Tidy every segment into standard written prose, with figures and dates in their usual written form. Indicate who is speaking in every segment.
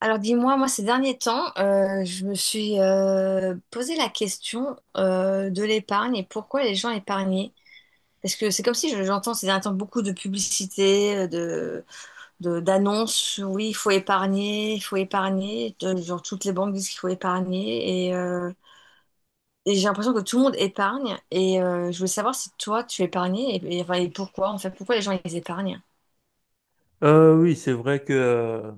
Speaker 1: Alors dis-moi, moi ces derniers temps, je me suis posé la question de l'épargne et pourquoi les gens épargnaient. Parce que c'est comme si j'entends ces derniers temps beaucoup de publicités, d'annonces, oui, il faut épargner, il faut épargner. Genre toutes les banques disent qu'il faut épargner. Et j'ai l'impression que tout le monde épargne. Et je voulais savoir si toi tu épargnais enfin, et pourquoi en fait, pourquoi les gens ils épargnent.
Speaker 2: Oui, c'est vrai que euh,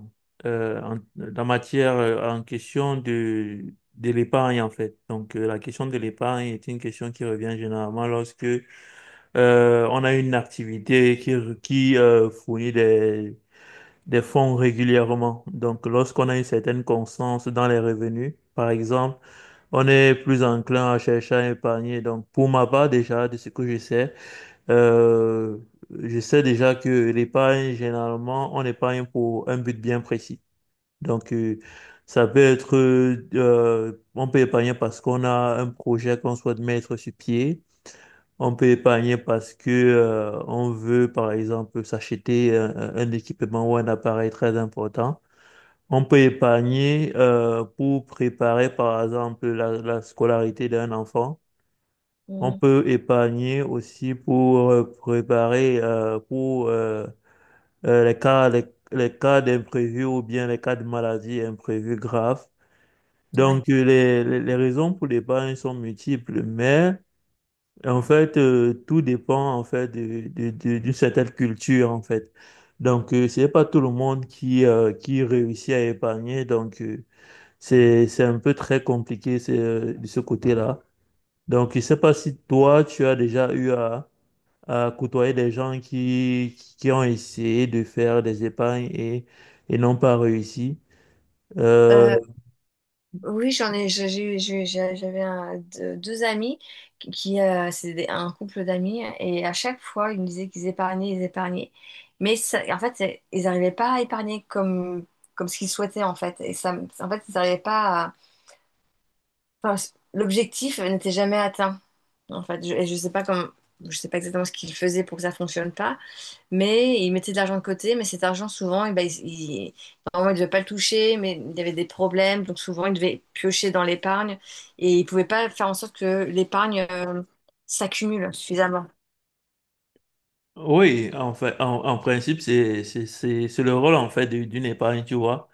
Speaker 2: euh, en- la matière en question de l'épargne, en fait. Donc, la question de l'épargne est une question qui revient généralement lorsque on a une activité qui, qui fournit des fonds régulièrement. Donc, lorsqu'on a une certaine constance dans les revenus, par exemple, on est plus enclin à chercher à épargner. Donc, pour ma part, déjà, de ce que euh, je sais déjà que l'épargne, généralement, on épargne pour un but bien précis. Donc, ça peut être, on peut épargner parce qu'on a un projet qu'on souhaite mettre sur pied. On peut épargner parce que, on veut, par exemple, s'acheter un équipement ou un appareil très important. On peut épargner, pour préparer, par exemple, la scolarité d'un enfant. On
Speaker 1: Mhm.
Speaker 2: peut épargner aussi pour préparer pour les les, cas d'imprévus ou bien les cas de maladie imprévus graves.
Speaker 1: Ouais.
Speaker 2: Donc les, les raisons pour l'épargne sont multiples, mais en fait tout dépend en fait de, d'une certaine culture en fait. Donc c'est pas tout le monde qui réussit à épargner, donc c'est un peu très compliqué c'est, de ce côté-là. Donc je sais pas si toi tu as déjà eu à côtoyer des gens qui ont essayé de faire des épargnes et n'ont pas réussi. Euh,
Speaker 1: Euh, Oui, j'en ai, j'ai- j'avais deux, deux amis qui, c'est un couple d'amis, et à chaque fois, ils me disaient qu'ils épargnaient, ils épargnaient. Mais en fait, ils n'arrivaient pas à épargner comme, comme ce qu'ils souhaitaient, en fait. Et ça, en fait, ils n'arrivaient pas. Enfin, l'objectif n'était jamais atteint. En fait, et je sais pas comment, je sais pas exactement ce qu'il faisait pour que ça fonctionne pas, mais il mettait de l'argent de côté, mais cet argent souvent, eh ben, il, normalement, il devait pas le toucher, mais il y avait des problèmes, donc souvent il devait piocher dans l'épargne et il pouvait pas faire en sorte que l'épargne s'accumule suffisamment.
Speaker 2: oui, en fait, en, en principe, c'est le rôle en fait d'une épargne, tu vois.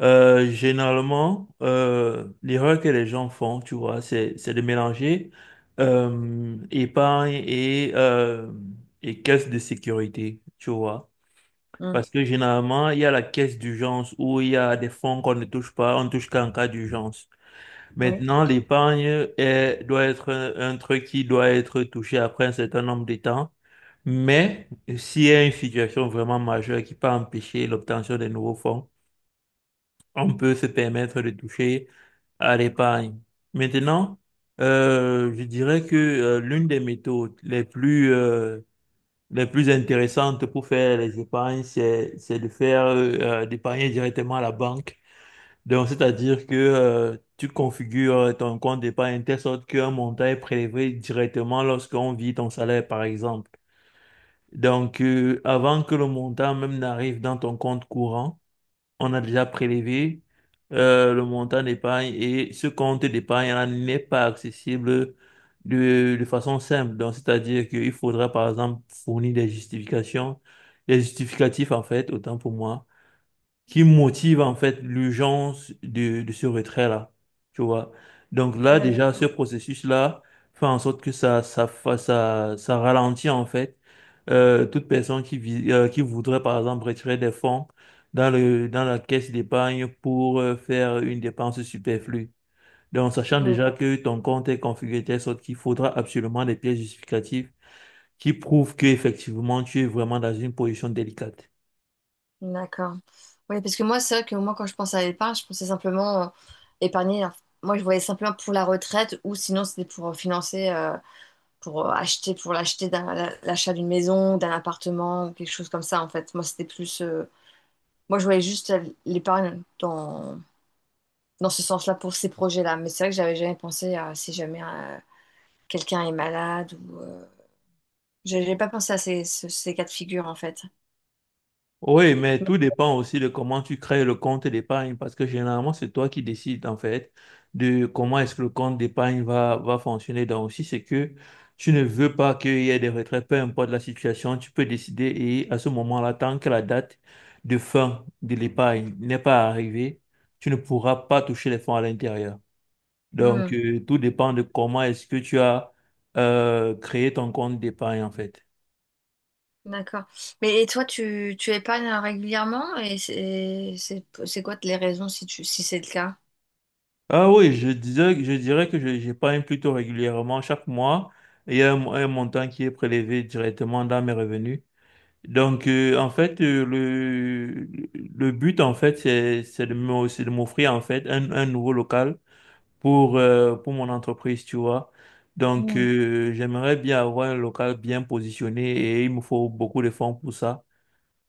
Speaker 2: Généralement, l'erreur que les gens font, tu vois, c'est de mélanger épargne et caisse de sécurité, tu vois.
Speaker 1: Mm.
Speaker 2: Parce que généralement, il y a la caisse d'urgence où il y a des fonds qu'on ne touche pas, on ne touche qu'en cas d'urgence.
Speaker 1: Oui.
Speaker 2: Maintenant, l'épargne doit être un truc qui doit être touché après un certain nombre de temps. Mais s'il y a une situation vraiment majeure qui peut empêcher l'obtention des nouveaux fonds, on peut se permettre de toucher à l'épargne. Maintenant, je dirais que l'une des méthodes les plus intéressantes pour faire les épargnes, c'est de faire, d'épargner directement à la banque, donc, c'est-à-dire que tu configures ton compte d'épargne de telle sorte qu'un montant est prélevé directement lorsqu'on vit ton salaire, par exemple. Donc, avant que le montant même n'arrive dans ton compte courant, on a déjà prélevé le montant d'épargne et ce compte d'épargne-là n'est pas accessible de façon simple. Donc, c'est-à-dire qu'il faudra, par exemple, fournir des justifications, des justificatifs, en fait, autant pour moi qui motive en fait l'urgence de ce retrait-là, tu vois. Donc là,
Speaker 1: Ouais,
Speaker 2: déjà, ce
Speaker 1: d'accord.
Speaker 2: processus-là fait en sorte que ça ralentit en fait toute personne qui, qui voudrait par exemple retirer des fonds dans le, dans la caisse d'épargne pour faire une dépense superflue. Donc, sachant déjà que ton compte est configuré de telle sorte qu'il faudra absolument des pièces justificatives qui prouvent qu'effectivement tu es vraiment dans une position délicate.
Speaker 1: D'accord. Oui, parce que moi, c'est vrai que moi, quand je pense à l'épargne, je pensais simplement épargner. Enfin, moi, je voyais simplement pour la retraite ou sinon, c'était pour financer, pour acheter, pour l'achat d'une maison, d'un appartement ou quelque chose comme ça, en fait. Moi, c'était plus. Moi, je voyais juste l'épargne dans, dans ce sens-là pour ces projets-là. Mais c'est vrai que j'avais jamais pensé à si jamais quelqu'un est malade ou. J'avais pas pensé à ces, ces cas de figure, en fait.
Speaker 2: Oui, mais tout dépend aussi de comment tu crées le compte d'épargne parce que généralement, c'est toi qui décides en fait de comment est-ce que le compte d'épargne va, va fonctionner. Donc, si c'est que tu ne veux pas qu'il y ait des retraits, peu importe la situation, tu peux décider et à ce moment-là, tant que la date de fin de l'épargne n'est pas arrivée, tu ne pourras pas toucher les fonds à l'intérieur. Donc,
Speaker 1: Hmm.
Speaker 2: tout dépend de comment est-ce que tu as créé ton compte d'épargne en fait.
Speaker 1: D'accord. Mais et toi, tu épargnes régulièrement et c'est quoi les raisons si tu si c'est le cas?
Speaker 2: Ah oui, je disais, je dirais que j'épargne plutôt régulièrement chaque mois. Il y a un montant qui est prélevé directement dans mes revenus. Donc, en fait, le but, en fait, c'est de c'est de m'offrir, en fait, un nouveau local pour mon entreprise, tu vois. Donc,
Speaker 1: Hmm.
Speaker 2: j'aimerais bien avoir un local bien positionné et il me faut beaucoup de fonds pour ça.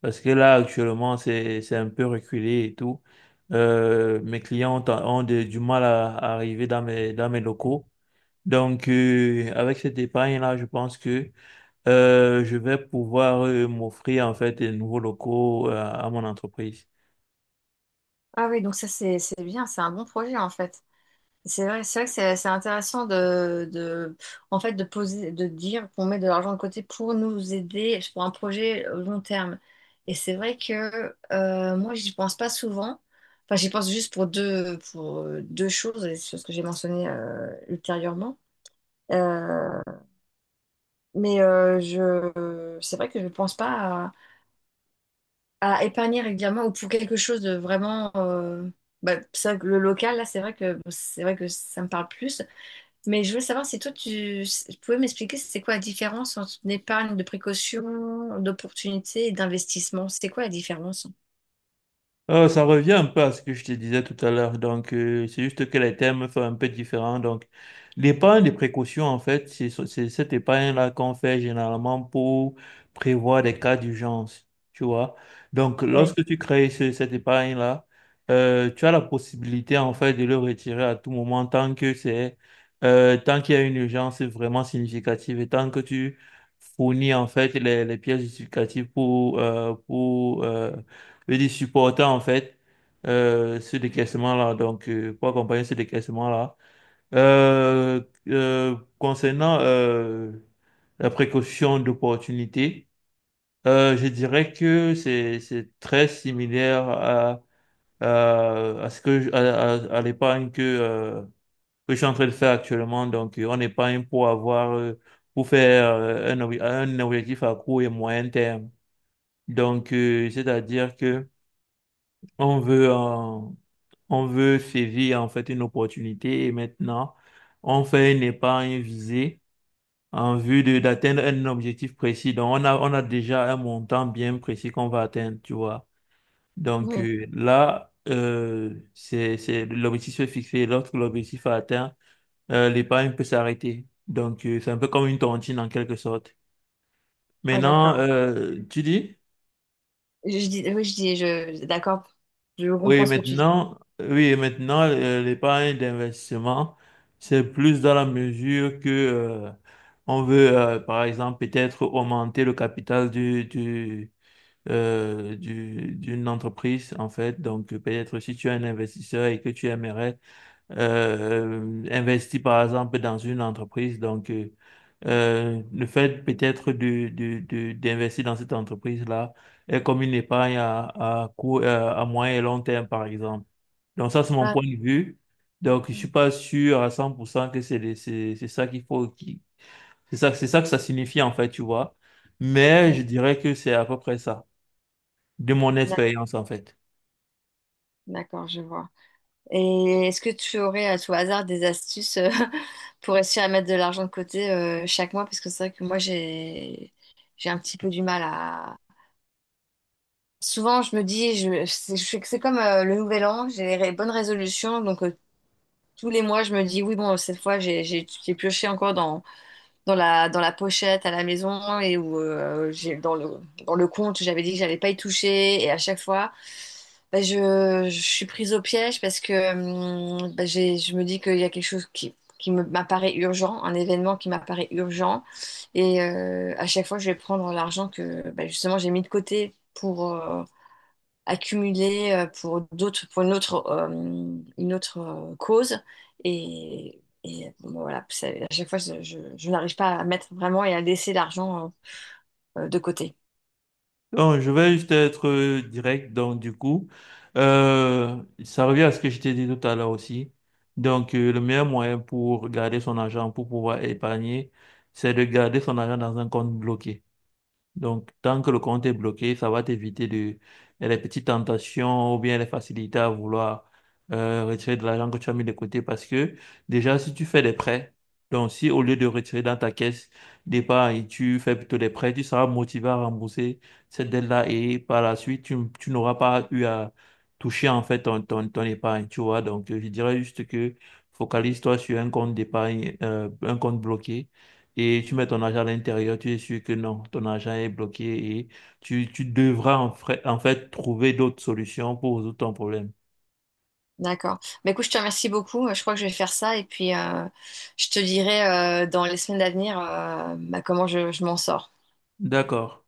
Speaker 2: Parce que là, actuellement, c'est un peu reculé et tout. Mes clients ont, ont du mal à arriver dans mes locaux. Donc, avec cette épargne-là, je pense que je vais pouvoir m'offrir en fait des nouveaux locaux à mon entreprise.
Speaker 1: Ah oui, donc ça c'est bien, c'est un bon projet en fait. C'est vrai que c'est intéressant de en fait de poser de dire qu'on met de l'argent de côté pour nous aider pour un projet long terme. Et c'est vrai que moi j'y pense pas souvent. Enfin, j'y pense juste pour deux choses, et c'est ce que j'ai mentionné ultérieurement. Euh, Mais c'est vrai que je ne pense pas à, à épargner régulièrement ou pour quelque chose de vraiment. Bah, c'est vrai que le local, là, c'est vrai que ça me parle plus. Mais je voulais savoir si toi, si, tu pouvais m'expliquer c'est quoi la différence entre une épargne de précaution, d'opportunité et d'investissement? C'est quoi la différence?
Speaker 2: Ça revient un peu à ce que je te disais tout à l'heure. Donc, c'est juste que les thèmes sont un peu différents. Donc, l'épargne de précaution, en fait, c'est cette épargne-là qu'on fait généralement pour prévoir des cas d'urgence. Tu vois? Donc,
Speaker 1: Oui,
Speaker 2: lorsque tu crées cette épargne-là, tu as la possibilité, en fait, de le retirer à tout moment tant que c'est, tant qu'il y a une urgence vraiment significative et tant que tu fournis, en fait, les pièces justificatives pour, et des supportants en fait ce décaissement-là. Donc, pour accompagner ce décaissement-là. Euh, Concernant la précaution d'opportunité, je dirais que c'est très similaire à ce que à l'épargne que je suis en train de faire actuellement. Donc, on épargne pour avoir pour faire un, un objectif à court et moyen terme. Donc, c'est-à-dire que on veut on veut saisir en fait une opportunité et maintenant, on fait une épargne visée en vue de d'atteindre un objectif précis. Donc, on a déjà un montant bien précis qu'on va atteindre, tu vois. Donc
Speaker 1: oui.
Speaker 2: là, l'objectif est fixé. Lorsque l'objectif est atteint, l'épargne peut s'arrêter. Donc, c'est un peu comme une tontine en quelque sorte.
Speaker 1: Ah,
Speaker 2: Maintenant,
Speaker 1: d'accord.
Speaker 2: tu dis?
Speaker 1: Oui, d'accord. Je
Speaker 2: Oui,
Speaker 1: comprends ce que tu dis.
Speaker 2: maintenant, oui, et maintenant, l'épargne d'investissement, c'est plus dans la mesure que on veut, par exemple, peut-être augmenter le capital du, d'une entreprise, en fait. Donc, peut-être si tu es un investisseur et que tu aimerais investi par exemple dans une entreprise. Donc, le fait peut-être de, d'investir dans cette entreprise-là est comme une épargne à court, à moyen et long terme, par exemple. Donc, ça, c'est mon
Speaker 1: Ah,
Speaker 2: point de vue. Donc, je suis pas sûr à 100% que c'est ça qu'il faut, qui, c'est ça que ça signifie, en fait, tu vois. Mais
Speaker 1: d'accord,
Speaker 2: je dirais que c'est à peu près ça, de mon expérience, en fait.
Speaker 1: d'accord, je vois. Et est-ce que tu aurais à tout hasard des astuces pour réussir à mettre de l'argent de côté chaque mois? Parce que c'est vrai que moi, j'ai un petit peu du mal à… Souvent, je me dis, c'est je sais que c'est comme le nouvel an, j'ai les bonnes résolutions. Donc, tous les mois, je me dis, oui, bon, cette fois, j'ai pioché encore dans la pochette à la maison et où dans le compte, j'avais dit que j'allais pas y toucher. Et à chaque fois, bah, je suis prise au piège parce que bah, je me dis qu'il y a quelque chose qui m'apparaît urgent, un événement qui m'apparaît urgent. Et à chaque fois, je vais prendre l'argent que bah, justement j'ai mis de côté pour, accumulé pour d'autres, pour une autre cause. Et, bon, voilà, à chaque fois, je n'arrive pas à mettre vraiment et à laisser l'argent de côté.
Speaker 2: Non, je vais juste être direct. Donc, du coup, ça revient à ce que je t'ai dit tout à l'heure aussi. Donc, le meilleur moyen pour garder son argent, pour pouvoir épargner, c'est de garder son argent dans un compte bloqué. Donc, tant que le compte est bloqué, ça va t'éviter de, les petites tentations ou bien les facilités à vouloir retirer de l'argent que tu as mis de côté. Parce que déjà, si tu fais des prêts, donc si au lieu de retirer dans ta caisse départ et tu fais plutôt des prêts, tu seras motivé à rembourser cette dette-là et par la suite, tu n'auras pas eu à toucher en fait ton, ton, ton épargne, tu vois. Donc, je dirais juste que focalise-toi sur un compte d'épargne, un compte bloqué et tu mets ton argent à l'intérieur, tu es sûr que non, ton argent est bloqué et tu devras en fait trouver d'autres solutions pour résoudre ton problème.
Speaker 1: D'accord. Bah, écoute, je te remercie beaucoup. Je crois que je vais faire ça et puis je te dirai dans les semaines à venir bah, comment je m'en sors.
Speaker 2: D'accord.